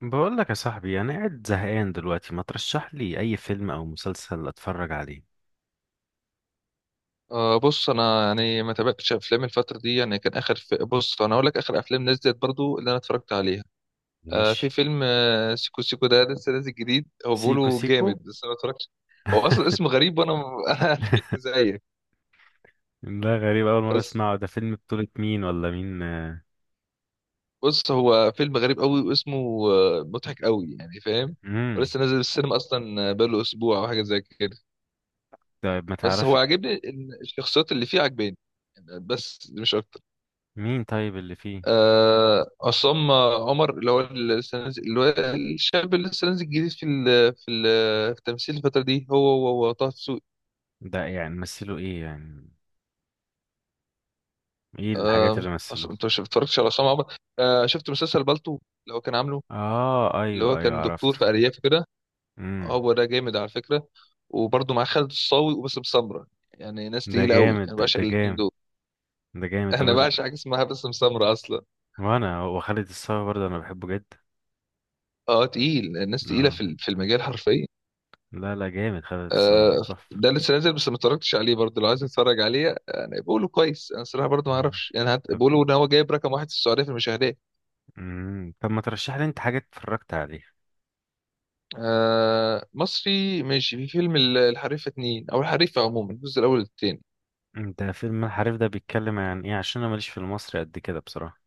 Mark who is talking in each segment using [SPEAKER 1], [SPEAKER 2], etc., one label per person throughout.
[SPEAKER 1] بقول لك يا صاحبي انا قاعد زهقان دلوقتي، ما ترشح لي اي فيلم او مسلسل اتفرج عليه؟
[SPEAKER 2] بص انا يعني ما تابعتش افلام الفتره دي. يعني كان اخر في بص انا اقول لك اخر افلام نزلت برضو اللي انا اتفرجت عليها. في
[SPEAKER 1] ماشي.
[SPEAKER 2] فيلم سيكو سيكو، ده لسه نازل جديد، هو
[SPEAKER 1] سيكو
[SPEAKER 2] بيقولوا
[SPEAKER 1] سيكو.
[SPEAKER 2] جامد بس انا ما اتفرجتش. هو اصلا اسمه غريب وانا انا ضحكت زيك.
[SPEAKER 1] ده غريب، اول مره
[SPEAKER 2] بس
[SPEAKER 1] اسمعه. ده فيلم بطولة مين ولا مين؟
[SPEAKER 2] بص، هو فيلم غريب قوي واسمه مضحك قوي، يعني فاهم؟
[SPEAKER 1] امم
[SPEAKER 2] ولسه نازل السينما اصلا، بقاله اسبوع او حاجه زي كده.
[SPEAKER 1] طيب ما
[SPEAKER 2] بس
[SPEAKER 1] تعرفش؟
[SPEAKER 2] هو عاجبني ان الشخصيات اللي فيه عاجباني، يعني بس مش اكتر.
[SPEAKER 1] مين طيب اللي فيه؟
[SPEAKER 2] عصام عمر، اللي هو اللي هو الشاب اللي لسه نازل جديد في ال في ال في التمثيل الفترة دي، هو طه دسوقي.
[SPEAKER 1] ده يعني مثله ايه يعني؟ ايه الحاجات
[SPEAKER 2] آه،
[SPEAKER 1] اللي مثلوه؟
[SPEAKER 2] انت مش اتفرجتش على عصام عمر؟ شفت مسلسل بالطو، اللي هو كان عامله،
[SPEAKER 1] اه،
[SPEAKER 2] اللي هو
[SPEAKER 1] ايوه ايوه،
[SPEAKER 2] كان
[SPEAKER 1] عرفته.
[SPEAKER 2] دكتور في أرياف كده؟
[SPEAKER 1] امم
[SPEAKER 2] هو ده جامد على فكرة، وبرضه مع خالد الصاوي وباسم سمرة. يعني ناس
[SPEAKER 1] ده
[SPEAKER 2] تقيلة قوي،
[SPEAKER 1] جامد،
[SPEAKER 2] انا
[SPEAKER 1] ده,
[SPEAKER 2] بعشق
[SPEAKER 1] ده
[SPEAKER 2] الاتنين
[SPEAKER 1] جامد.
[SPEAKER 2] دول.
[SPEAKER 1] ده جامد ده
[SPEAKER 2] انا بعشق حاجة اسمها باسم سمرة اصلا.
[SPEAKER 1] وانا وخالد الصاوي برضه انا بحبه جدا.
[SPEAKER 2] اه تقيل، الناس تقيلة
[SPEAKER 1] اه،
[SPEAKER 2] في المجال حرفيا.
[SPEAKER 1] لا لا، جامد. خالد
[SPEAKER 2] آه،
[SPEAKER 1] الصاوي تحفه.
[SPEAKER 2] ده لسه نازل بس ما اتفرجتش عليه برضه، لو عايز اتفرج عليه يعني بيقولوا كويس، انا الصراحه برضه ما
[SPEAKER 1] مم.
[SPEAKER 2] اعرفش، يعني
[SPEAKER 1] طب.
[SPEAKER 2] بيقولوا ان هو جايب رقم واحد في السعوديه في المشاهدات.
[SPEAKER 1] مم. طب ما ترشح لي انت حاجة اتفرجت عليها؟
[SPEAKER 2] مصري ماشي، في فيلم الحريفه اتنين، او الحريفه عموما، الجزء الاول والتاني.
[SPEAKER 1] انت فيلم الحريف ده بيتكلم عن ايه؟ عشان انا ماليش في المصري قد كده بصراحة.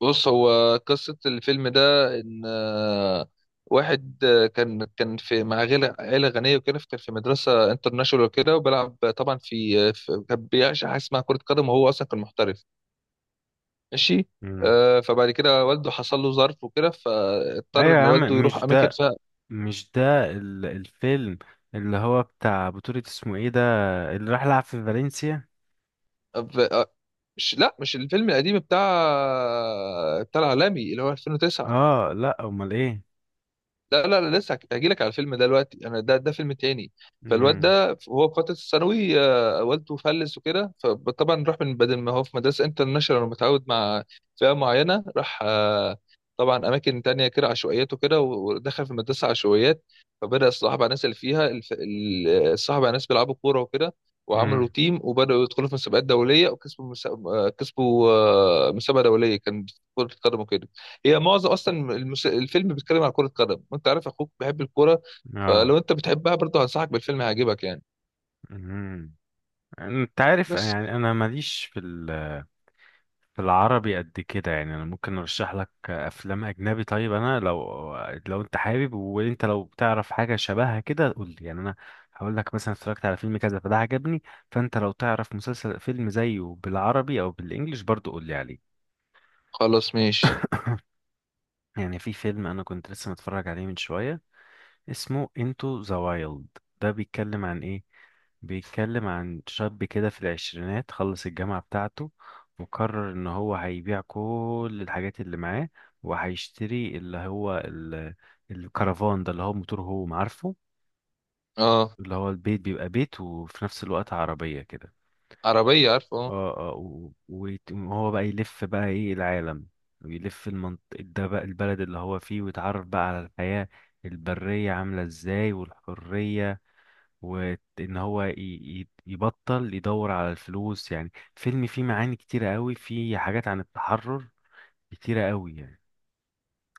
[SPEAKER 2] بص، هو قصه الفيلم ده ان واحد كان في مع عيله، عيله غنيه وكده، كان في مدرسه انترناشونال وكده، وبيلعب طبعا في, آه، في كان بيعشق حاجه اسمها كره قدم، وهو اصلا كان محترف ماشي.
[SPEAKER 1] مم.
[SPEAKER 2] فبعد كده والده حصل له ظرف وكده، فاضطر
[SPEAKER 1] ايوه يا
[SPEAKER 2] ان
[SPEAKER 1] عم،
[SPEAKER 2] والده يروح
[SPEAKER 1] مش
[SPEAKER 2] اماكن
[SPEAKER 1] ده.
[SPEAKER 2] فيها.
[SPEAKER 1] مش ده الفيلم اللي هو بتاع بطولة، اسمه ايه ده، اللي راح لعب في فالنسيا؟
[SPEAKER 2] ف- آه، مش، لا مش الفيلم القديم بتاع بتاع العالمي اللي هو 2009.
[SPEAKER 1] اه، لا، امال ايه؟
[SPEAKER 2] لا لا لا، لسه هجي لك على الفيلم ده دلوقتي، انا ده فيلم تاني. فالواد
[SPEAKER 1] مم.
[SPEAKER 2] ده هو في فتره الثانوي، والده فلس وكده، فطبعا راح، من بدل ما هو في مدرسه انترناشونال ومتعود مع فئه معينه، راح طبعا اماكن تانية كده عشوائيات وكده، ودخل في مدرسه عشوائيات. فبدا يصاحب على الناس اللي فيها، صاحب على ناس بيلعبوا كوره وكده، وعملوا
[SPEAKER 1] مم.
[SPEAKER 2] تيم وبداوا يدخلوا في مسابقات دوليه، وكسبوا كسبوا مسابقه دوليه كان في كره القدم وكده. هي معظم اصلا الفيلم بيتكلم على كرة قدم، وانت عارف اخوك بيحب الكورة،
[SPEAKER 1] اه.
[SPEAKER 2] فلو انت بتحبها برضه هنصحك بالفيلم، هيعجبك يعني.
[SPEAKER 1] مم. انت عارف،
[SPEAKER 2] بس
[SPEAKER 1] يعني انا ماليش في في العربي قد كده. يعني انا ممكن ارشح لك افلام اجنبي. طيب انا لو، لو انت حابب، وانت لو بتعرف حاجه شبهها كده قول لي. يعني انا هقول لك مثلا اتفرجت على فيلم كذا فده عجبني، فانت لو تعرف مسلسل فيلم زيه بالعربي او بالانجليش برضو قول لي عليه.
[SPEAKER 2] خلاص ماشي.
[SPEAKER 1] يعني في فيلم انا كنت لسه متفرج عليه من شويه، اسمه انتو ذا وايلد. ده بيتكلم عن ايه؟ بيتكلم عن شاب كده في العشرينات، خلص الجامعة بتاعته، وقرر ان هو هيبيع كل الحاجات اللي معاه، وهيشتري اللي هو الكرفان ده، اللي هو موتور، هو عارفه،
[SPEAKER 2] اه
[SPEAKER 1] اللي هو البيت بيبقى بيت وفي نفس الوقت عربية كده.
[SPEAKER 2] عربية، عارفه اه.
[SPEAKER 1] اه اه، وهو بقى يلف بقى ايه العالم، ويلف ده بقى البلد اللي هو فيه، ويتعرف بقى على الحياة البرية عاملة ازاي والحرية، وان هو يبطل يدور على الفلوس. يعني فيلم فيه معاني كتيرة قوي، فيه حاجات عن التحرر كتيرة قوي يعني،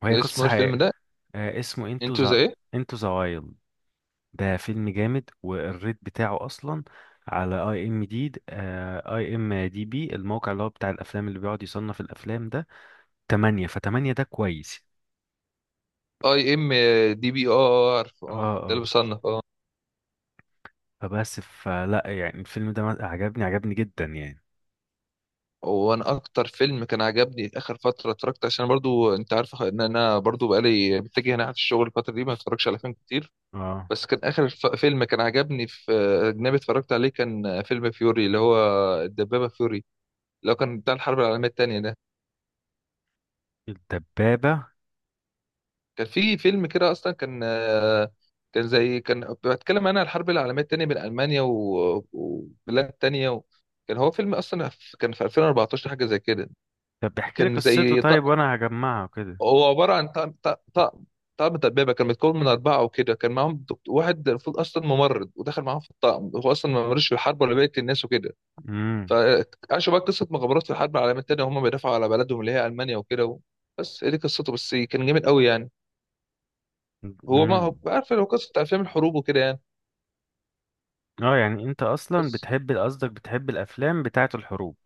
[SPEAKER 1] وهي
[SPEAKER 2] ده اسمه إيه
[SPEAKER 1] قصة
[SPEAKER 2] الفيلم
[SPEAKER 1] حقيقية.
[SPEAKER 2] ده؟
[SPEAKER 1] اسمه انتو
[SPEAKER 2] انتوا زي
[SPEAKER 1] ذا.
[SPEAKER 2] ايه؟
[SPEAKER 1] انتو ذا وايلد. ده فيلم جامد. والريت بتاعه اصلا على اي ام دي، اي ام دي بي، الموقع اللي هو بتاع الافلام اللي بيقعد يصنف الافلام ده، 8. ف8 ده كويس.
[SPEAKER 2] اي ام دي بي؟ اه عارفه،
[SPEAKER 1] اه
[SPEAKER 2] اه ده اللي
[SPEAKER 1] اه.
[SPEAKER 2] بصنف اه.
[SPEAKER 1] فبس، فلا، يعني الفيلم ده عجبني، عجبني جدا يعني.
[SPEAKER 2] وانا اكتر فيلم كان عجبني اخر فتره اتفرجت، عشان برضو انت عارف ان انا برضو بقالي متجه ناحيه الشغل الفتره دي، ما بتفرجش على فيلم كتير.
[SPEAKER 1] اه.
[SPEAKER 2] بس كان اخر فيلم كان عجبني في اجنبي اتفرجت عليه، كان فيلم فيوري، اللي هو الدبابه فيوري، لو كان بتاع الحرب العالمية التانية ده.
[SPEAKER 1] الدبابة.
[SPEAKER 2] كان في فيلم كده أصلا، كان آه، كان زي كان بتكلم أنا عن الحرب العالمية التانية بين ألمانيا وبلاد تانية و... كان هو فيلم أصلا كان في 2014، حاجة زي كده.
[SPEAKER 1] طب احكي لي
[SPEAKER 2] كان
[SPEAKER 1] قصته
[SPEAKER 2] زي
[SPEAKER 1] طيب وانا هجمعها كده.
[SPEAKER 2] هو عبارة عن طقم طقم دبابة، كان متكون من أربعة وكده، كان معاهم واحد المفروض أصلا ممرض، ودخل معاهم في الطقم، هو أصلا ما ملوش في الحرب ولا بقية الناس وكده.
[SPEAKER 1] امم
[SPEAKER 2] فعاشوا بقى قصة مغامرات في الحرب العالمية التانية، وهم بيدافعوا على بلدهم اللي هي ألمانيا وكده و... بس هي دي قصته، بس كان جامد قوي يعني. هو ما هو
[SPEAKER 1] امم
[SPEAKER 2] عارف لو قصة أفلام الحروب وكده يعني.
[SPEAKER 1] اه. يعني انت اصلا
[SPEAKER 2] بس
[SPEAKER 1] بتحب، قصدك بتحب الافلام بتاعه الحروب؟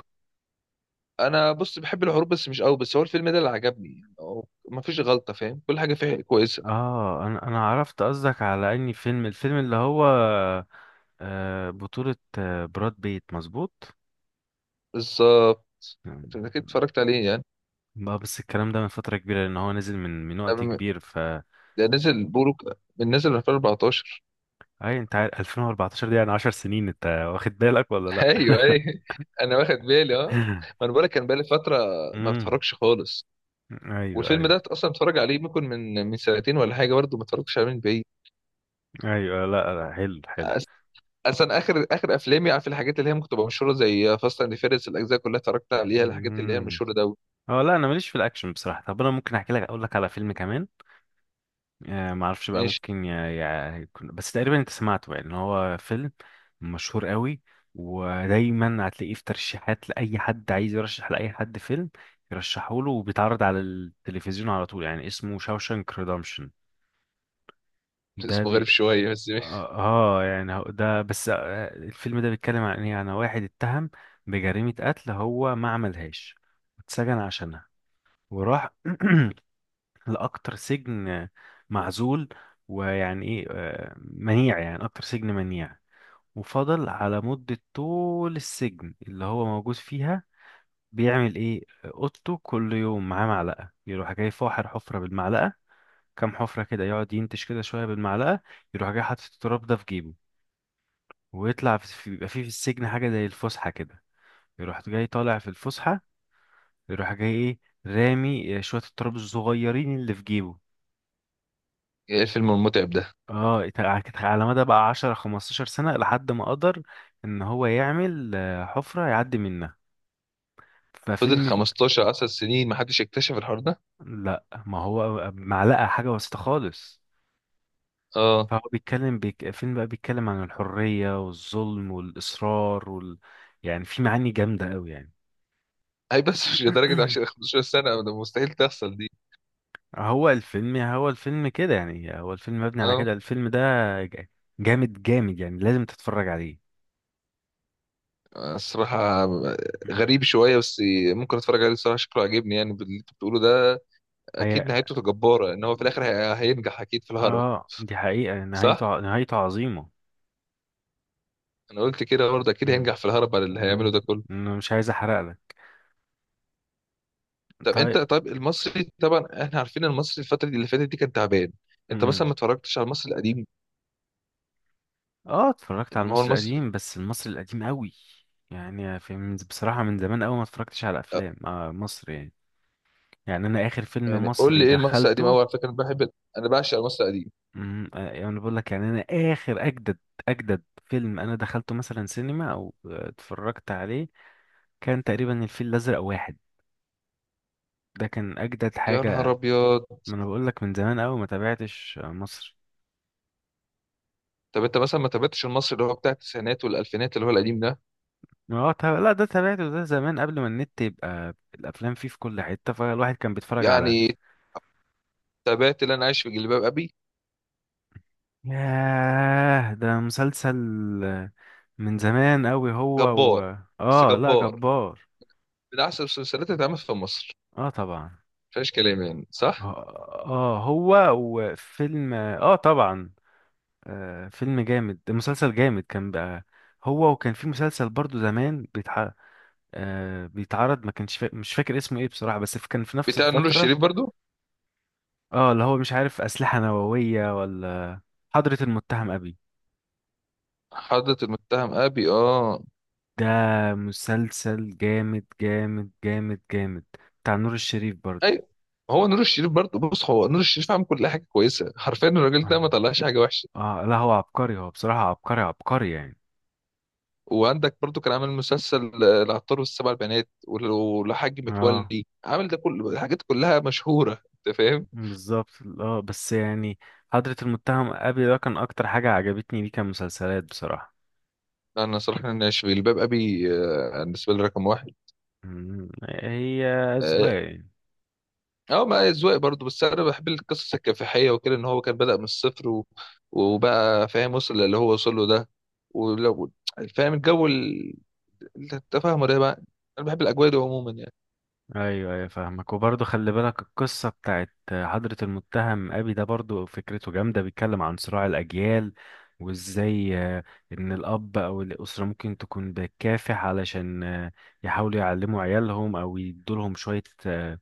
[SPEAKER 2] أنا بص، بحب الحروب بس مش قوي، بس هو الفيلم ده اللي عجبني يعني، هو ما فيش غلطة فاهم، كل حاجة فيه كويسة.
[SPEAKER 1] اه، انا عرفت قصدك، على اني فيلم الفيلم اللي هو بطولة براد بيت، مظبوط.
[SPEAKER 2] بالظبط. أنت أكيد اتفرجت عليه يعني.
[SPEAKER 1] ما بس الكلام ده من فترة كبيرة، لان هو نزل من
[SPEAKER 2] قبل
[SPEAKER 1] وقت
[SPEAKER 2] ما-
[SPEAKER 1] كبير، ف،
[SPEAKER 2] ده نزل بيقولوا من نزل 2014.
[SPEAKER 1] اي انت عارف 2014 دي يعني 10 سنين، انت واخد بالك ولا لا؟
[SPEAKER 2] أيوه أيوه، أنا واخد بالي، أه ما أنا بقولك كان بقالي فترة ما
[SPEAKER 1] امم
[SPEAKER 2] بتفرجش خالص.
[SPEAKER 1] ايوه
[SPEAKER 2] والفيلم
[SPEAKER 1] ايوه.
[SPEAKER 2] ده أصلا اتفرج عليه ممكن من سنتين ولا حاجة، برضه ما اتفرجتش عليه من بعيد.
[SPEAKER 1] ايوه. لا لا، حلو حلو.
[SPEAKER 2] اصلا اخر افلامي، عارف الحاجات اللي هي ممكن تبقى مشهوره زي فاست اند فيرس، الاجزاء كلها اتفرجت عليها، الحاجات اللي هي
[SPEAKER 1] مم.
[SPEAKER 2] المشهوره ده.
[SPEAKER 1] هو لا، انا ماليش في الاكشن بصراحه. طب انا ممكن احكي لك، اقول لك على فيلم كمان. آه، ما اعرفش بقى،
[SPEAKER 2] ماشي.
[SPEAKER 1] ممكن يكون، بس تقريبا انت سمعته، يعني إن هو فيلم مشهور قوي، ودايما هتلاقيه في ترشيحات لاي حد عايز يرشح لاي حد فيلم يرشحه له، وبيتعرض على التلفزيون على طول. يعني اسمه شاوشانك ريدمشن. ده
[SPEAKER 2] اسمه
[SPEAKER 1] بي.
[SPEAKER 2] غريب شويه بس، ماشي.
[SPEAKER 1] اه. يعني هو ده بس. الفيلم ده بيتكلم عن ايه؟ عن واحد اتهم بجريمة قتل هو ما عملهاش، واتسجن عشانها، وراح لأكتر سجن معزول، ويعني إيه منيع، يعني أكتر سجن منيع. وفضل على مدة طول السجن اللي هو موجود فيها بيعمل إيه؟ أوضته كل يوم معاه معلقة، يروح جاي فاحر حفرة بالمعلقة، كام حفرة كده يقعد ينتش كده شوية بالمعلقة، يروح جاي حاطط التراب ده في جيبه، ويطلع في بيبقى فيه في السجن حاجة زي الفسحة كده، يروح جاي طالع في الفسحة، يروح جاي إيه، رامي شوية التراب الصغيرين اللي في جيبه.
[SPEAKER 2] ايه الفيلم المتعب ده؟
[SPEAKER 1] اه، كانت على مدى بقى 10-15 سنة، لحد ما قدر ان هو يعمل حفرة يعدي منها.
[SPEAKER 2] فضل
[SPEAKER 1] ففيلم.
[SPEAKER 2] 15 10 سنين ما حدش اكتشف الحوار ده؟
[SPEAKER 1] لا، ما هو معلقة حاجة بسيطة خالص.
[SPEAKER 2] اه.
[SPEAKER 1] فهو فيلم بقى بيتكلم عن الحرية والظلم والإصرار يعني في معاني جامدة قوي يعني.
[SPEAKER 2] اي بس مش لدرجه 10 15 سنه، ده مستحيل تحصل دي.
[SPEAKER 1] هو الفيلم، هو الفيلم كده يعني، هو الفيلم مبني على
[SPEAKER 2] اه
[SPEAKER 1] كده، الفيلم ده ج- جامد جامد، يعني لازم تتفرج عليه.
[SPEAKER 2] الصراحه، غريب شويه بس. ممكن اتفرج عليه الصراحه، شكله عاجبني يعني باللي انت بتقوله ده.
[SPEAKER 1] هي.
[SPEAKER 2] اكيد نهايته جباره، ان هو في الاخر هينجح اكيد في الهرب.
[SPEAKER 1] اه، دي حقيقة
[SPEAKER 2] صح.
[SPEAKER 1] نهايته، نهايته عظيمة.
[SPEAKER 2] انا قلت كده برضه، اكيد
[SPEAKER 1] مم.
[SPEAKER 2] هينجح في الهرب على اللي هيعمله
[SPEAKER 1] مم.
[SPEAKER 2] ده كله.
[SPEAKER 1] انا مش عايز احرق لك.
[SPEAKER 2] طب انت،
[SPEAKER 1] طيب.
[SPEAKER 2] طب المصري طبعا احنا عارفين المصري الفترة دي اللي فاتت دي كان تعبان. انت
[SPEAKER 1] مم.
[SPEAKER 2] مثلا ما اتفرجتش على المصري القديم؟
[SPEAKER 1] اه، اتفرجت على
[SPEAKER 2] ان هو
[SPEAKER 1] المصري
[SPEAKER 2] المصري
[SPEAKER 1] القديم، بس المصري القديم قوي يعني، في من بصراحة من زمان قوي ما اتفرجتش على
[SPEAKER 2] اه،
[SPEAKER 1] افلام آه مصر يعني. يعني انا اخر فيلم
[SPEAKER 2] يعني قول
[SPEAKER 1] مصري
[SPEAKER 2] لي ايه المصري القديم،
[SPEAKER 1] دخلته.
[SPEAKER 2] هو على فكرة انا بحب، انا بعشق المصري القديم.
[SPEAKER 1] مم. آه يعني أنا بقول لك، يعني انا اخر اجدد، اجدد فيلم انا دخلته مثلا سينما او اتفرجت عليه، كان تقريبا الفيل الازرق واحد. ده كان اجدد
[SPEAKER 2] يا نهار
[SPEAKER 1] حاجة.
[SPEAKER 2] ابيض.
[SPEAKER 1] ما انا بقول لك من زمان قوي ما تابعتش مصر.
[SPEAKER 2] طب انت مثلا ما تابعتش المصري اللي هو بتاع التسعينات والالفينات، اللي هو القديم ده؟
[SPEAKER 1] اه، لا ده تابعته، ده زمان قبل ما النت يبقى الافلام فيه في كل حته، فالواحد كان بيتفرج على،
[SPEAKER 2] يعني تابعت اللي انا عايش في جلباب ابي؟
[SPEAKER 1] ياه ده مسلسل من زمان قوي.
[SPEAKER 2] جبار. بس
[SPEAKER 1] اه، لا،
[SPEAKER 2] جبار
[SPEAKER 1] جبار.
[SPEAKER 2] من احسن المسلسلات اللي اتعملت في مصر،
[SPEAKER 1] اه طبعا.
[SPEAKER 2] مفيهاش كلام، يعني صح.
[SPEAKER 1] اه، هو وفيلم، اه طبعا، آه فيلم جامد، مسلسل جامد كان بقى. هو، وكان في مسلسل برضو زمان آه بيتعرض، ما كانش مش فاكر اسمه ايه بصراحة، بس كان في نفس
[SPEAKER 2] بتاع نور
[SPEAKER 1] الفترة.
[SPEAKER 2] الشريف برضو؟
[SPEAKER 1] اه اللي هو مش عارف، أسلحة نووية ولا، حضرة المتهم أبي.
[SPEAKER 2] حضرة المتهم ابي، اه.
[SPEAKER 1] ده مسلسل جامد جامد جامد جامد، بتاع نور الشريف برضو.
[SPEAKER 2] ايوه. هو نور الشريف برضه، بص هو نور الشريف عامل كل حاجه كويسه حرفيا، الراجل ده ما
[SPEAKER 1] اه.
[SPEAKER 2] طلعش حاجه وحشه.
[SPEAKER 1] لا هو عبقري، هو بصراحة عبقري عبقري يعني.
[SPEAKER 2] وعندك برضه كان عامل مسلسل العطار والسبع بنات والحاج
[SPEAKER 1] اه
[SPEAKER 2] متولي، عامل ده كل الحاجات كلها مشهوره، انت فاهم.
[SPEAKER 1] بالظبط. اه بس يعني حضرة المتهم أبي ده كان أكتر حاجة عجبتني ليه كمسلسلات بصراحة.
[SPEAKER 2] انا صراحه، انا في الباب ابي بالنسبه لي رقم واحد.
[SPEAKER 1] مم، هي
[SPEAKER 2] اه
[SPEAKER 1] أذواق يعني.
[SPEAKER 2] ما اذواق برضه، بس انا بحب القصص الكفاحيه وكده، ان هو كان بدأ من الصفر وبقى فاهم، وصل اللي هو وصل له ده، ولو فاهم الجو التفاهم ده بقى، انا بحب الاجواء دي عموما يعني.
[SPEAKER 1] ايوه ايوه فاهمك. وبرضه خلي بالك، القصه بتاعت حضرة المتهم ابي ده برضه فكرته جامده، بيتكلم عن صراع الاجيال، وازاي ان الاب او الاسره ممكن تكون بتكافح علشان يحاولوا يعلموا عيالهم او يدولهم شويه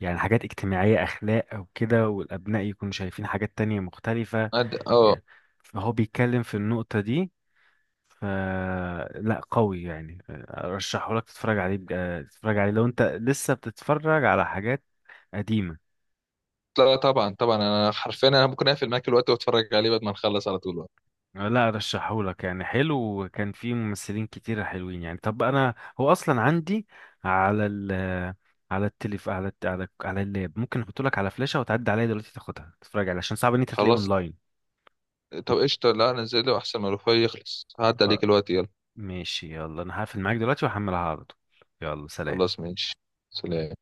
[SPEAKER 1] يعني حاجات اجتماعيه، اخلاق او كده، والابناء يكونوا شايفين حاجات تانية مختلفه
[SPEAKER 2] اه
[SPEAKER 1] يعني، فهو بيتكلم في النقطه دي. ف، لا قوي يعني، ارشحه لك تتفرج عليه تتفرج عليه لو انت لسه بتتفرج على حاجات قديمة.
[SPEAKER 2] لا طبعا طبعا، انا حرفيا انا ممكن اقفل معاك الوقت واتفرج عليه بعد ما نخلص على طول بقى.
[SPEAKER 1] لا ارشحه لك يعني، حلو وكان فيه ممثلين كتير حلوين يعني. طب انا هو اصلا عندي على ال، على التليف، على على على اللاب، ممكن احطه لك على فلاشة وتعدي عليا دلوقتي تاخدها تتفرج عليها، عشان صعب ان انت تلاقيه
[SPEAKER 2] خلاص.
[SPEAKER 1] اونلاين.
[SPEAKER 2] طب قشطه، لا نزله احسن ما الوفاء يخلص، هعدي عليك
[SPEAKER 1] خ-
[SPEAKER 2] الوقت، يلا.
[SPEAKER 1] ماشي، يلا، انا هقفل معاك دلوقتي وهحملها على طول. يلا سلام.
[SPEAKER 2] خلاص ماشي. سلام.